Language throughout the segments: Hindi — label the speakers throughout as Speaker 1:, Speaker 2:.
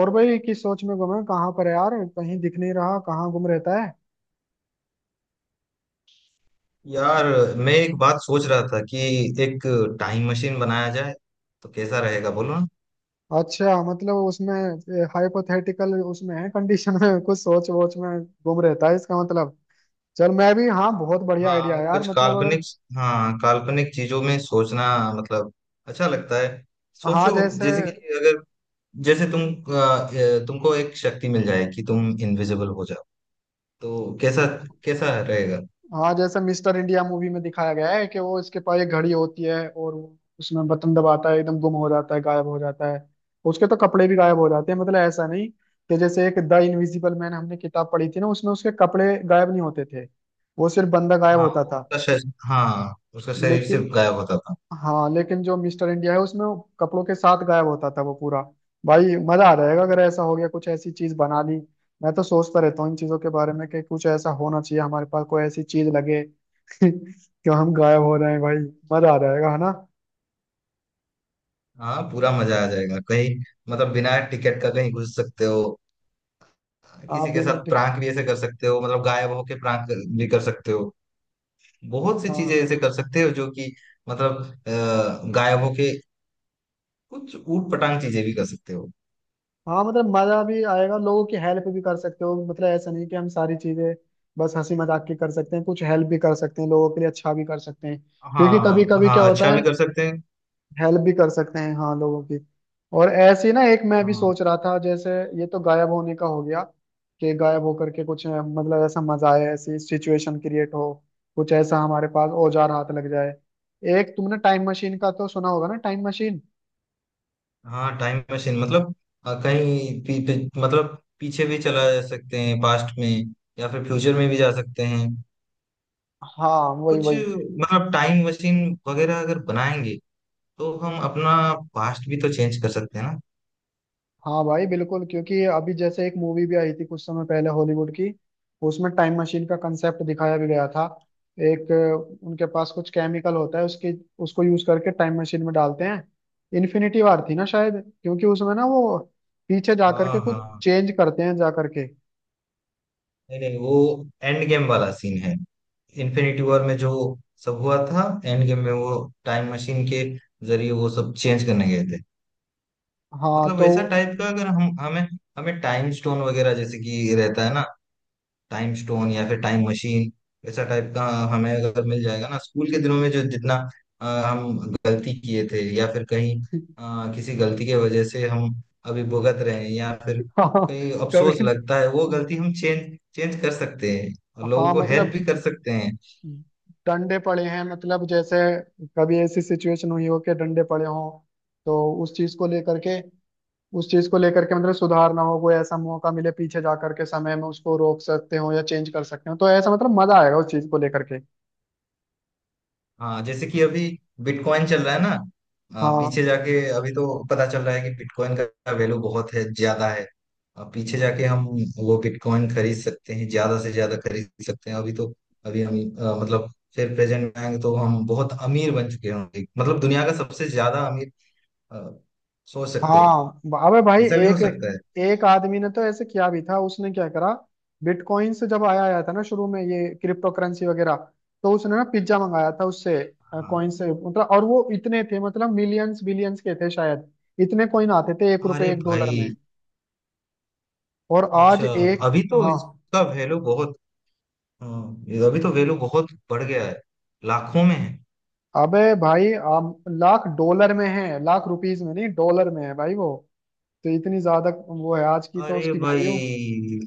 Speaker 1: और भाई किस सोच में गुम है, कहाँ पर है यार। कहीं दिख नहीं रहा, कहाँ गुम रहता है।
Speaker 2: यार मैं एक बात सोच रहा था कि एक टाइम मशीन बनाया जाए तो कैसा रहेगा बोलो ना।
Speaker 1: अच्छा, मतलब उसमें हाइपोथेटिकल उसमें है, कंडीशन में कुछ सोच वोच में गुम रहता है, इसका मतलब। चल मैं भी, हाँ बहुत बढ़िया आइडिया
Speaker 2: हाँ
Speaker 1: है यार,
Speaker 2: कुछ
Speaker 1: मतलब अगर।
Speaker 2: काल्पनिक। हाँ काल्पनिक चीजों में सोचना मतलब अच्छा लगता है।
Speaker 1: हाँ
Speaker 2: सोचो
Speaker 1: जैसे।
Speaker 2: जैसे कि अगर जैसे तुम तुमको एक शक्ति मिल जाए कि तुम इनविजिबल हो जाओ तो कैसा कैसा रहेगा।
Speaker 1: हाँ, जैसे मिस्टर इंडिया मूवी में दिखाया गया है कि वो इसके पास एक घड़ी होती है और वो उसमें बटन दबाता है, एकदम गुम हो जाता है, गायब हो जाता है। उसके तो कपड़े भी गायब हो जाते हैं, मतलब ऐसा नहीं कि जैसे एक द इनविजिबल मैन, हमने किताब पढ़ी थी ना, उसमें उसके कपड़े गायब नहीं होते थे। वो सिर्फ बंदा गायब होता था।
Speaker 2: हाँ उसका शरीर से
Speaker 1: लेकिन।
Speaker 2: गायब होता था।
Speaker 1: हाँ, लेकिन जो मिस्टर इंडिया है उसमें वो कपड़ों के साथ गायब होता था, वो पूरा। भाई मजा आ जाएगा अगर ऐसा हो गया, कुछ ऐसी चीज बना ली। मैं तो सोचता रहता हूँ इन चीजों के बारे में कि कुछ ऐसा होना चाहिए हमारे पास, कोई ऐसी चीज लगे कि हम गायब हो रहे हैं भाई। मजा आ जाएगा, है ना।
Speaker 2: हाँ पूरा मजा आ जाएगा कहीं मतलब बिना टिकट का कहीं घुस सकते हो।
Speaker 1: आप
Speaker 2: किसी के
Speaker 1: बिना
Speaker 2: साथ
Speaker 1: टिक।
Speaker 2: प्रांक भी ऐसे कर सकते हो मतलब गायब होके प्रांक भी कर सकते हो। बहुत सी चीजें
Speaker 1: हाँ,
Speaker 2: ऐसे कर सकते हो जो कि मतलब गायब होके कुछ ऊट पटांग चीजें भी कर सकते हो।
Speaker 1: हाँ, मतलब मजा भी आएगा, लोगों की हेल्प भी कर सकते हो, मतलब ऐसा नहीं कि हम सारी चीजें बस हंसी मजाक की कर सकते हैं, कुछ हेल्प भी कर सकते हैं लोगों के लिए, अच्छा भी कर सकते हैं। क्योंकि कभी
Speaker 2: हाँ
Speaker 1: कभी क्या
Speaker 2: हाँ
Speaker 1: होता
Speaker 2: अच्छा भी
Speaker 1: है,
Speaker 2: कर सकते हैं।
Speaker 1: हेल्प भी कर सकते हैं, हाँ, लोगों की। और ऐसे ही ना एक मैं भी
Speaker 2: हाँ
Speaker 1: सोच रहा था जैसे, ये तो गायब होने का हो गया, कि गायब होकर के कुछ मतलब ऐसा मजा आए, ऐसी सिचुएशन क्रिएट हो, कुछ ऐसा हमारे पास औजार हाथ लग जाए। एक, तुमने टाइम मशीन का तो सुना होगा ना, टाइम मशीन।
Speaker 2: हाँ टाइम मशीन मतलब कहीं पी, पी, मतलब पीछे भी चला जा सकते हैं पास्ट में या फिर फ्यूचर में भी जा सकते हैं।
Speaker 1: हाँ, वही
Speaker 2: कुछ
Speaker 1: वही।
Speaker 2: मतलब टाइम मशीन वगैरह अगर बनाएंगे तो हम अपना पास्ट भी तो चेंज कर सकते हैं ना।
Speaker 1: हाँ भाई बिल्कुल, क्योंकि अभी जैसे एक मूवी भी आई थी कुछ समय पहले हॉलीवुड की, उसमें टाइम मशीन का कंसेप्ट दिखाया भी गया था। एक उनके पास कुछ केमिकल होता है उसके, उसको यूज करके टाइम मशीन में डालते हैं। इन्फिनिटी वार थी ना शायद, क्योंकि उसमें ना वो पीछे जा करके
Speaker 2: हाँ
Speaker 1: कुछ
Speaker 2: हाँ
Speaker 1: चेंज करते हैं जा करके।
Speaker 2: नहीं नहीं वो एंड गेम वाला सीन है। इन्फिनिटी वॉर में जो सब हुआ था एंड गेम में वो टाइम मशीन के जरिए वो सब चेंज करने गए थे।
Speaker 1: हाँ
Speaker 2: मतलब
Speaker 1: तो
Speaker 2: वैसा टाइप का अगर हम हमें हमें टाइम स्टोन वगैरह जैसे कि रहता है ना, टाइम स्टोन या फिर टाइम मशीन ऐसा टाइप का हमें अगर मिल जाएगा ना, स्कूल के दिनों में जो जितना हम गलती किए थे या फिर कहीं किसी गलती के वजह से हम अभी भुगत रहे हैं या फिर
Speaker 1: हाँ।
Speaker 2: कहीं अफसोस
Speaker 1: कभी।
Speaker 2: लगता है वो गलती हम चेंज चेंज कर सकते हैं और लोगों
Speaker 1: हाँ
Speaker 2: को हेल्प
Speaker 1: मतलब
Speaker 2: भी कर सकते हैं।
Speaker 1: डंडे पड़े हैं, मतलब जैसे कभी ऐसी सिचुएशन हुई हो कि डंडे पड़े हों, तो उस चीज को लेकर के, मतलब सुधारना हो, कोई ऐसा मौका मिले पीछे जा करके समय में, उसको रोक सकते हो या चेंज कर सकते हो, तो ऐसा मतलब मजा आएगा उस चीज को लेकर के।
Speaker 2: हाँ जैसे कि अभी बिटकॉइन चल रहा है ना। पीछे
Speaker 1: हाँ,
Speaker 2: जाके अभी तो पता चल रहा है कि बिटकॉइन का वैल्यू बहुत है ज्यादा है। पीछे जाके हम वो बिटकॉइन खरीद सकते हैं ज्यादा से ज्यादा खरीद सकते हैं। अभी तो अभी हम मतलब फिर प्रेजेंट में आएंगे तो हम बहुत अमीर बन चुके होंगे मतलब दुनिया का सबसे ज्यादा अमीर। आ, सोच सकते हो
Speaker 1: हाँ। अबे भाई,
Speaker 2: ऐसा भी हो
Speaker 1: एक
Speaker 2: सकता है।
Speaker 1: एक आदमी ने तो ऐसे किया भी था, उसने क्या करा, बिटकॉइन से जब आया आया था ना शुरू में, ये क्रिप्टो करेंसी वगैरह, तो उसने ना पिज्जा मंगाया था उससे,
Speaker 2: हाँ
Speaker 1: कॉइन से, मतलब। और वो इतने थे, मतलब मिलियंस बिलियंस के थे शायद, इतने कॉइन आते थे एक
Speaker 2: अरे
Speaker 1: रुपए एक डॉलर
Speaker 2: भाई
Speaker 1: में। और आज
Speaker 2: अच्छा
Speaker 1: एक,
Speaker 2: अभी तो
Speaker 1: हाँ।
Speaker 2: इसका वैल्यू बहुत। हाँ, अभी तो वैल्यू बहुत बढ़ गया है लाखों में है।
Speaker 1: अबे भाई लाख डॉलर में है, लाख रुपीस में नहीं, डॉलर में है भाई वो। तो इतनी ज्यादा वो है आज की तो
Speaker 2: अरे
Speaker 1: उसकी वैल्यू,
Speaker 2: भाई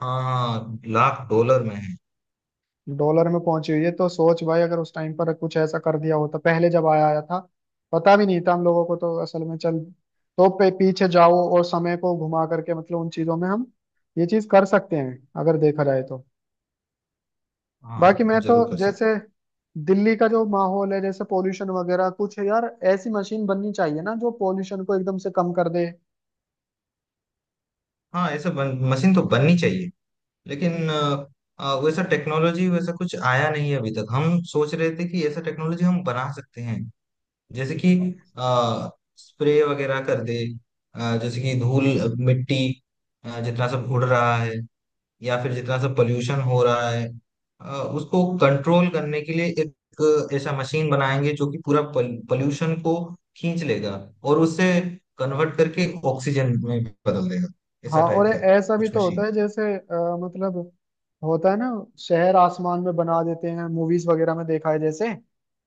Speaker 2: हाँ हाँ लाख डॉलर में है।
Speaker 1: डॉलर में पहुंची हुई है। तो सोच भाई, अगर उस टाइम पर कुछ ऐसा कर दिया होता पहले जब आया आया था, पता भी नहीं था हम लोगों को तो असल में, चल, तो पे पीछे जाओ और समय को घुमा करके, मतलब उन चीजों में हम ये चीज कर सकते हैं, अगर देखा जाए तो। बाकी
Speaker 2: हाँ
Speaker 1: मैं तो
Speaker 2: जरूर कर
Speaker 1: जैसे
Speaker 2: सकते।
Speaker 1: दिल्ली का जो माहौल है, जैसे पोल्यूशन वगैरह कुछ यार, ऐसी मशीन बननी चाहिए ना जो पोल्यूशन को एकदम से कम कर दे।
Speaker 2: हाँ ऐसा मशीन तो बननी चाहिए लेकिन वैसा टेक्नोलॉजी वैसा कुछ आया नहीं है अभी तक। हम सोच रहे थे कि ऐसा टेक्नोलॉजी हम बना सकते हैं जैसे कि स्प्रे वगैरह कर दे। जैसे कि धूल मिट्टी जितना सब उड़ रहा है या फिर जितना सा पोल्यूशन हो रहा है, अ, उसको कंट्रोल करने के लिए एक ऐसा मशीन बनाएंगे जो कि पूरा पोल्यूशन को खींच लेगा और उससे कन्वर्ट करके ऑक्सीजन में बदल देगा
Speaker 1: हाँ,
Speaker 2: ऐसा
Speaker 1: और
Speaker 2: टाइप
Speaker 1: ए-,
Speaker 2: का
Speaker 1: ऐसा भी
Speaker 2: कुछ
Speaker 1: तो होता
Speaker 2: मशीन।
Speaker 1: है, जैसे मतलब होता है ना, शहर आसमान में बना देते हैं मूवीज वगैरह में देखा है जैसे,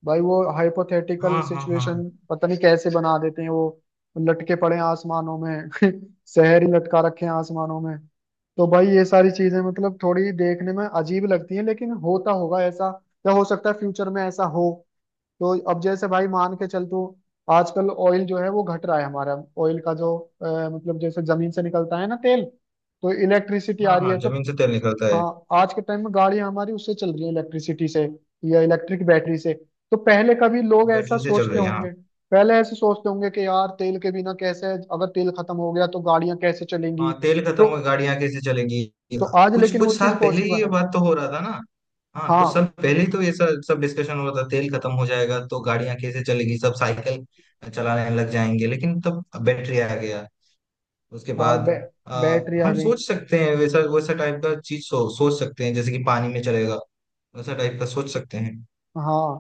Speaker 1: भाई वो हाइपोथेटिकल
Speaker 2: हाँ हाँ
Speaker 1: सिचुएशन,
Speaker 2: हाँ।
Speaker 1: पता नहीं कैसे बना देते हैं वो, लटके पड़े हैं आसमानों में शहर ही लटका रखे हैं आसमानों में। तो भाई ये सारी चीजें, मतलब थोड़ी देखने में अजीब लगती हैं, लेकिन होता होगा ऐसा, या हो सकता है फ्यूचर में ऐसा हो। तो अब जैसे भाई मान के चल तू, आजकल ऑयल जो है वो घट रहा है हमारा, ऑयल का जो मतलब, जैसे जमीन से निकलता है ना तेल, तो इलेक्ट्रिसिटी आ
Speaker 2: हाँ
Speaker 1: रही
Speaker 2: हाँ
Speaker 1: है तो।
Speaker 2: जमीन से तेल निकलता है।
Speaker 1: हाँ, आज के टाइम में गाड़ियां हमारी उससे चल रही है, इलेक्ट्रिसिटी से या इलेक्ट्रिक बैटरी से। तो पहले कभी लोग ऐसा
Speaker 2: बैटरी से चल
Speaker 1: सोचते
Speaker 2: रही है हाँ।
Speaker 1: होंगे, पहले ऐसे सोचते होंगे कि यार तेल के बिना कैसे, अगर तेल खत्म हो गया तो गाड़ियां कैसे चलेंगी।
Speaker 2: हाँ तेल खत्म
Speaker 1: तो
Speaker 2: हो गाड़ियां कैसे चलेंगी।
Speaker 1: तो आज
Speaker 2: कुछ
Speaker 1: लेकिन वो
Speaker 2: कुछ साल
Speaker 1: चीज
Speaker 2: पहले ही
Speaker 1: पॉसिबल
Speaker 2: ये
Speaker 1: है।
Speaker 2: बात तो हो रहा था ना। हाँ
Speaker 1: हाँ
Speaker 2: कुछ साल पहले ही तो ये सब सब डिस्कशन हो रहा था, तेल खत्म हो जाएगा तो गाड़ियां कैसे चलेगी, सब साइकिल चलाने लग जाएंगे, लेकिन तब बैटरी आ गया उसके
Speaker 1: हाँ,
Speaker 2: बाद। आ,
Speaker 1: बैटरी आ
Speaker 2: हम
Speaker 1: गई।
Speaker 2: सोच सकते हैं वैसा वैसा टाइप का चीज सोच सकते हैं जैसे कि पानी में चलेगा वैसा टाइप का सोच सकते हैं।
Speaker 1: हाँ,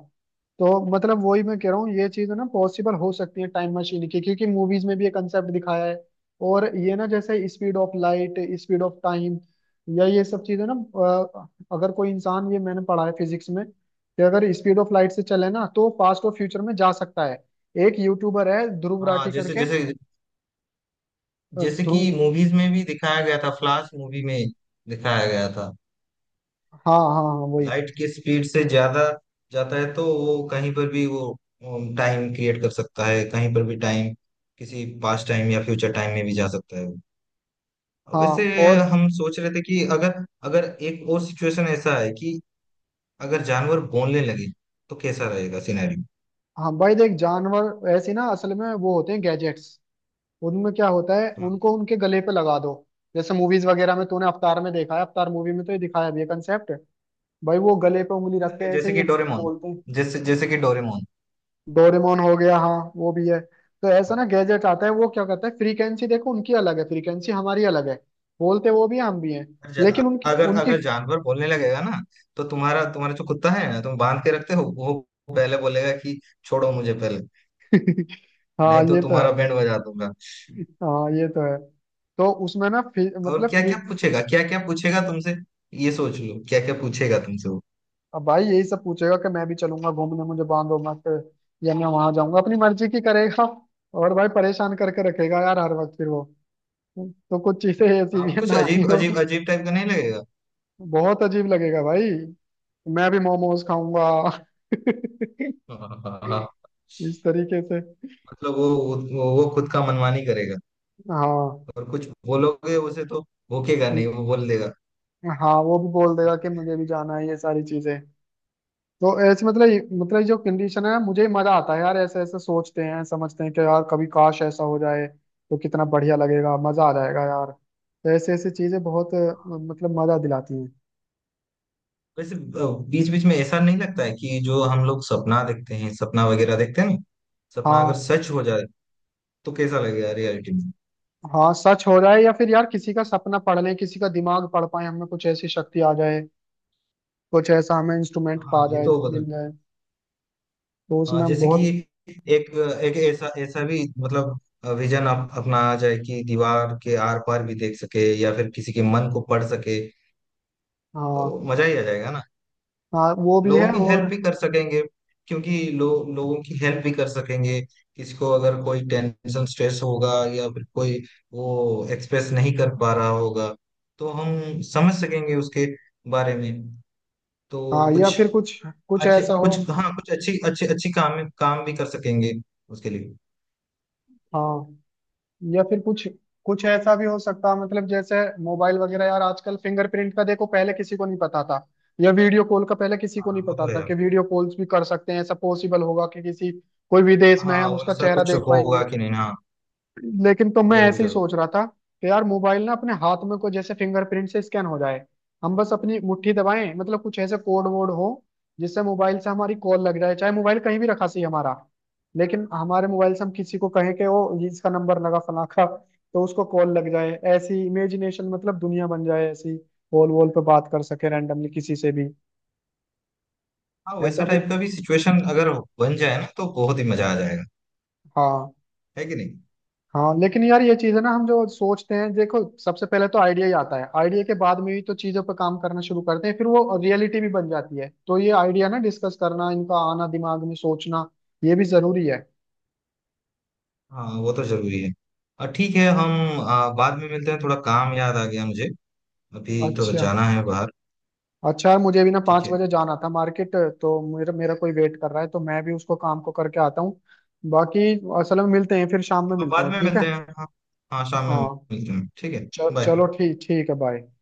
Speaker 1: तो मतलब वही मैं कह रहा हूँ, ये चीज ना पॉसिबल हो सकती है टाइम मशीन की, क्योंकि मूवीज में भी ये कंसेप्ट दिखाया है। और ये ना जैसे speed of light, speed of time, या ये सब चीजें ना, अगर कोई इंसान, ये मैंने पढ़ा है फिजिक्स में, कि अगर स्पीड ऑफ लाइट से चले ना तो पास्ट और फ्यूचर में जा सकता है। एक यूट्यूबर है ध्रुव
Speaker 2: हाँ
Speaker 1: राठी
Speaker 2: जैसे
Speaker 1: करके,
Speaker 2: जैसे जैसे कि
Speaker 1: ध्रुव।
Speaker 2: मूवीज में भी दिखाया गया था, फ्लाश मूवी में दिखाया गया था
Speaker 1: हाँ, हाँ, हाँ, वही।
Speaker 2: लाइट की स्पीड से ज्यादा जाता है तो वो कहीं पर भी वो टाइम क्रिएट कर सकता है, कहीं पर भी टाइम, किसी पास्ट टाइम या फ्यूचर टाइम में भी जा सकता है वो। वैसे
Speaker 1: हाँ। और,
Speaker 2: हम सोच रहे थे कि अगर अगर एक और सिचुएशन ऐसा है कि अगर जानवर बोलने लगे तो कैसा रहेगा सिनेरियो।
Speaker 1: हाँ भाई देख, जानवर ऐसे ना असल में वो होते हैं गैजेट्स, उनमें क्या होता है,
Speaker 2: हाँ
Speaker 1: उनको उनके गले पे लगा दो। जैसे मूवीज वगैरह में तूने अवतार में देखा है, अवतार मूवी में तो ये दिखाया भी है कंसेप्ट, भाई वो गले पे उंगली रख के ऐसे
Speaker 2: जैसे
Speaker 1: ही
Speaker 2: कि डोरेमोन,
Speaker 1: बोलते हैं।
Speaker 2: जैसे जैसे कि डोरेमोन।
Speaker 1: डोरेमोन हो गया, हाँ वो भी है, तो ऐसा
Speaker 2: हाँ।
Speaker 1: ना गैजेट आता है, वो क्या करता है, फ्रीक्वेंसी देखो उनकी अलग है, फ्रीक्वेंसी हमारी अलग है। बोलते वो भी हैं, हम भी हैं,
Speaker 2: अगर जा-
Speaker 1: लेकिन उनकी
Speaker 2: अगर
Speaker 1: उनकी
Speaker 2: अगर जानवर बोलने लगेगा ना तो तुम्हारा तुम्हारा जो कुत्ता है ना तुम बांध के रखते हो वो पहले बोलेगा कि छोड़ो मुझे पहले
Speaker 1: हाँ,
Speaker 2: नहीं तो
Speaker 1: ये तो है।
Speaker 2: तुम्हारा बैंड बजा दूंगा।
Speaker 1: हाँ, ये तो है। तो उसमें ना
Speaker 2: और
Speaker 1: मतलब
Speaker 2: क्या
Speaker 1: फ्री।
Speaker 2: क्या पूछेगा, क्या क्या पूछेगा तुमसे, ये सोच लो क्या क्या पूछेगा तुमसे वो।
Speaker 1: अब भाई यही सब पूछेगा कि मैं भी चलूंगा घूमने, मुझे बांधो मत, या मैं वहां जाऊंगा, अपनी मर्जी की करेगा, और भाई परेशान करके रखेगा यार हर वक्त फिर वो। तो कुछ चीजें ऐसी भी
Speaker 2: आप
Speaker 1: है
Speaker 2: कुछ
Speaker 1: ना ही
Speaker 2: अजीब
Speaker 1: हो,
Speaker 2: अजीब अजीब टाइप का नहीं लगेगा।
Speaker 1: बहुत अजीब लगेगा भाई। मैं भी मोमोज खाऊंगा।
Speaker 2: हाँ, हाँ, हाँ।
Speaker 1: इस तरीके से।
Speaker 2: मतलब वो वो खुद का मनमानी करेगा
Speaker 1: हाँ,
Speaker 2: और कुछ बोलोगे उसे तो भोकेगा नहीं वो बोल देगा।
Speaker 1: हाँ, वो भी बोल देगा कि मुझे भी जाना है, ये सारी चीजें। तो ऐसे मतलब जो कंडीशन है, मुझे ही मजा आता है यार, ऐसे ऐसे सोचते हैं, समझते हैं कि यार कभी काश ऐसा हो जाए, तो कितना बढ़िया लगेगा, मजा आ जाएगा यार। तो ऐसे ऐसे चीजें बहुत, मतलब मजा दिलाती हैं।
Speaker 2: वैसे बीच बीच में ऐसा नहीं लगता है कि जो हम लोग सपना देखते हैं सपना वगैरह देखते हैं ना, सपना अगर
Speaker 1: हाँ,
Speaker 2: सच हो जाए तो कैसा लगेगा रियलिटी में।
Speaker 1: हाँ, सच हो जाए, या फिर यार किसी का सपना पढ़ लें, किसी का दिमाग पढ़ पाए, हमें कुछ ऐसी शक्ति आ जाए, कुछ ऐसा हमें इंस्ट्रूमेंट
Speaker 2: हाँ
Speaker 1: पा
Speaker 2: ये
Speaker 1: जाए,
Speaker 2: तो।
Speaker 1: मिल जाए, तो
Speaker 2: हाँ
Speaker 1: उसमें
Speaker 2: जैसे कि
Speaker 1: बहुत।
Speaker 2: एक एक ऐसा ऐसा भी मतलब विजन अपनाया जाए कि दीवार के आर पार भी देख सके या फिर किसी के मन को पढ़ सके तो
Speaker 1: हाँ,
Speaker 2: मजा ही आ जाएगा ना।
Speaker 1: हाँ वो भी है,
Speaker 2: लोगों की
Speaker 1: और
Speaker 2: हेल्प भी कर सकेंगे क्योंकि लोगों की हेल्प भी कर सकेंगे। किसी को अगर कोई टेंशन स्ट्रेस होगा या फिर कोई वो एक्सप्रेस नहीं कर पा रहा होगा तो हम समझ सकेंगे उसके बारे में।
Speaker 1: हाँ
Speaker 2: तो
Speaker 1: या
Speaker 2: कुछ
Speaker 1: फिर कुछ, कुछ
Speaker 2: अच्छे
Speaker 1: ऐसा हो।
Speaker 2: कुछ हाँ कुछ अच्छी अच्छे अच्छी काम काम भी कर सकेंगे उसके लिए।
Speaker 1: हाँ या फिर कुछ, कुछ ऐसा भी हो सकता, मतलब जैसे मोबाइल वगैरह यार, आजकल फिंगरप्रिंट का देखो, पहले किसी को नहीं पता था, या वीडियो कॉल का पहले किसी को
Speaker 2: हाँ
Speaker 1: नहीं
Speaker 2: वो तो
Speaker 1: पता
Speaker 2: है।
Speaker 1: था कि वीडियो कॉल्स भी कर सकते हैं, ऐसा पॉसिबल होगा कि किसी, कोई विदेश में
Speaker 2: हाँ
Speaker 1: है हम उसका
Speaker 2: वैसा
Speaker 1: चेहरा
Speaker 2: कुछ
Speaker 1: देख
Speaker 2: होगा
Speaker 1: पाएंगे।
Speaker 2: कि नहीं हाँ।
Speaker 1: लेकिन तो मैं
Speaker 2: जरूर
Speaker 1: ऐसे ही
Speaker 2: जरूर।
Speaker 1: सोच रहा था कि यार मोबाइल ना अपने हाथ में को जैसे फिंगरप्रिंट से स्कैन हो जाए, हम बस अपनी मुट्ठी दबाएं, मतलब कुछ ऐसे कोड वोड हो जिससे मोबाइल से हमारी कॉल लग जाए, चाहे मोबाइल कहीं भी रखा सही हमारा, लेकिन हमारे मोबाइल से हम किसी को कहें कि वो ये इसका नंबर लगा फलां का, तो उसको कॉल लग जाए, ऐसी इमेजिनेशन, मतलब दुनिया बन जाए ऐसी, वॉल वॉल पे बात कर सके रैंडमली किसी से भी,
Speaker 2: हाँ वैसा
Speaker 1: ऐसा भी।
Speaker 2: टाइप का भी सिचुएशन अगर बन जाए ना तो बहुत ही मजा आ जाएगा,
Speaker 1: हाँ,
Speaker 2: है कि नहीं।
Speaker 1: हाँ, लेकिन यार ये चीज है ना, हम जो सोचते हैं देखो, सबसे पहले तो आइडिया ही आता है, आइडिया के बाद में भी तो चीजों पर काम करना शुरू करते हैं, फिर वो रियलिटी भी बन जाती है। तो ये आइडिया ना डिस्कस करना, इनका आना दिमाग में, सोचना, ये भी जरूरी है।
Speaker 2: हाँ वो तो जरूरी है। और ठीक है हम बाद में मिलते हैं, थोड़ा काम याद आ गया मुझे, अभी थोड़ा
Speaker 1: अच्छा।
Speaker 2: जाना है बाहर।
Speaker 1: अच्छा यार, मुझे भी ना
Speaker 2: ठीक
Speaker 1: पाँच
Speaker 2: है
Speaker 1: बजे जाना था मार्केट, तो मेरा मेरा कोई वेट कर रहा है, तो मैं भी उसको काम को करके आता हूँ। बाकी असल में मिलते हैं, फिर शाम में
Speaker 2: हाँ
Speaker 1: मिलते
Speaker 2: बाद
Speaker 1: हैं,
Speaker 2: में
Speaker 1: ठीक है।
Speaker 2: मिलते हैं हाँ। हाँ शाम में
Speaker 1: हाँ,
Speaker 2: मिलते हैं ठीक है।
Speaker 1: चल, चलो,
Speaker 2: बाय।
Speaker 1: ठीक, ठीक है, बाय।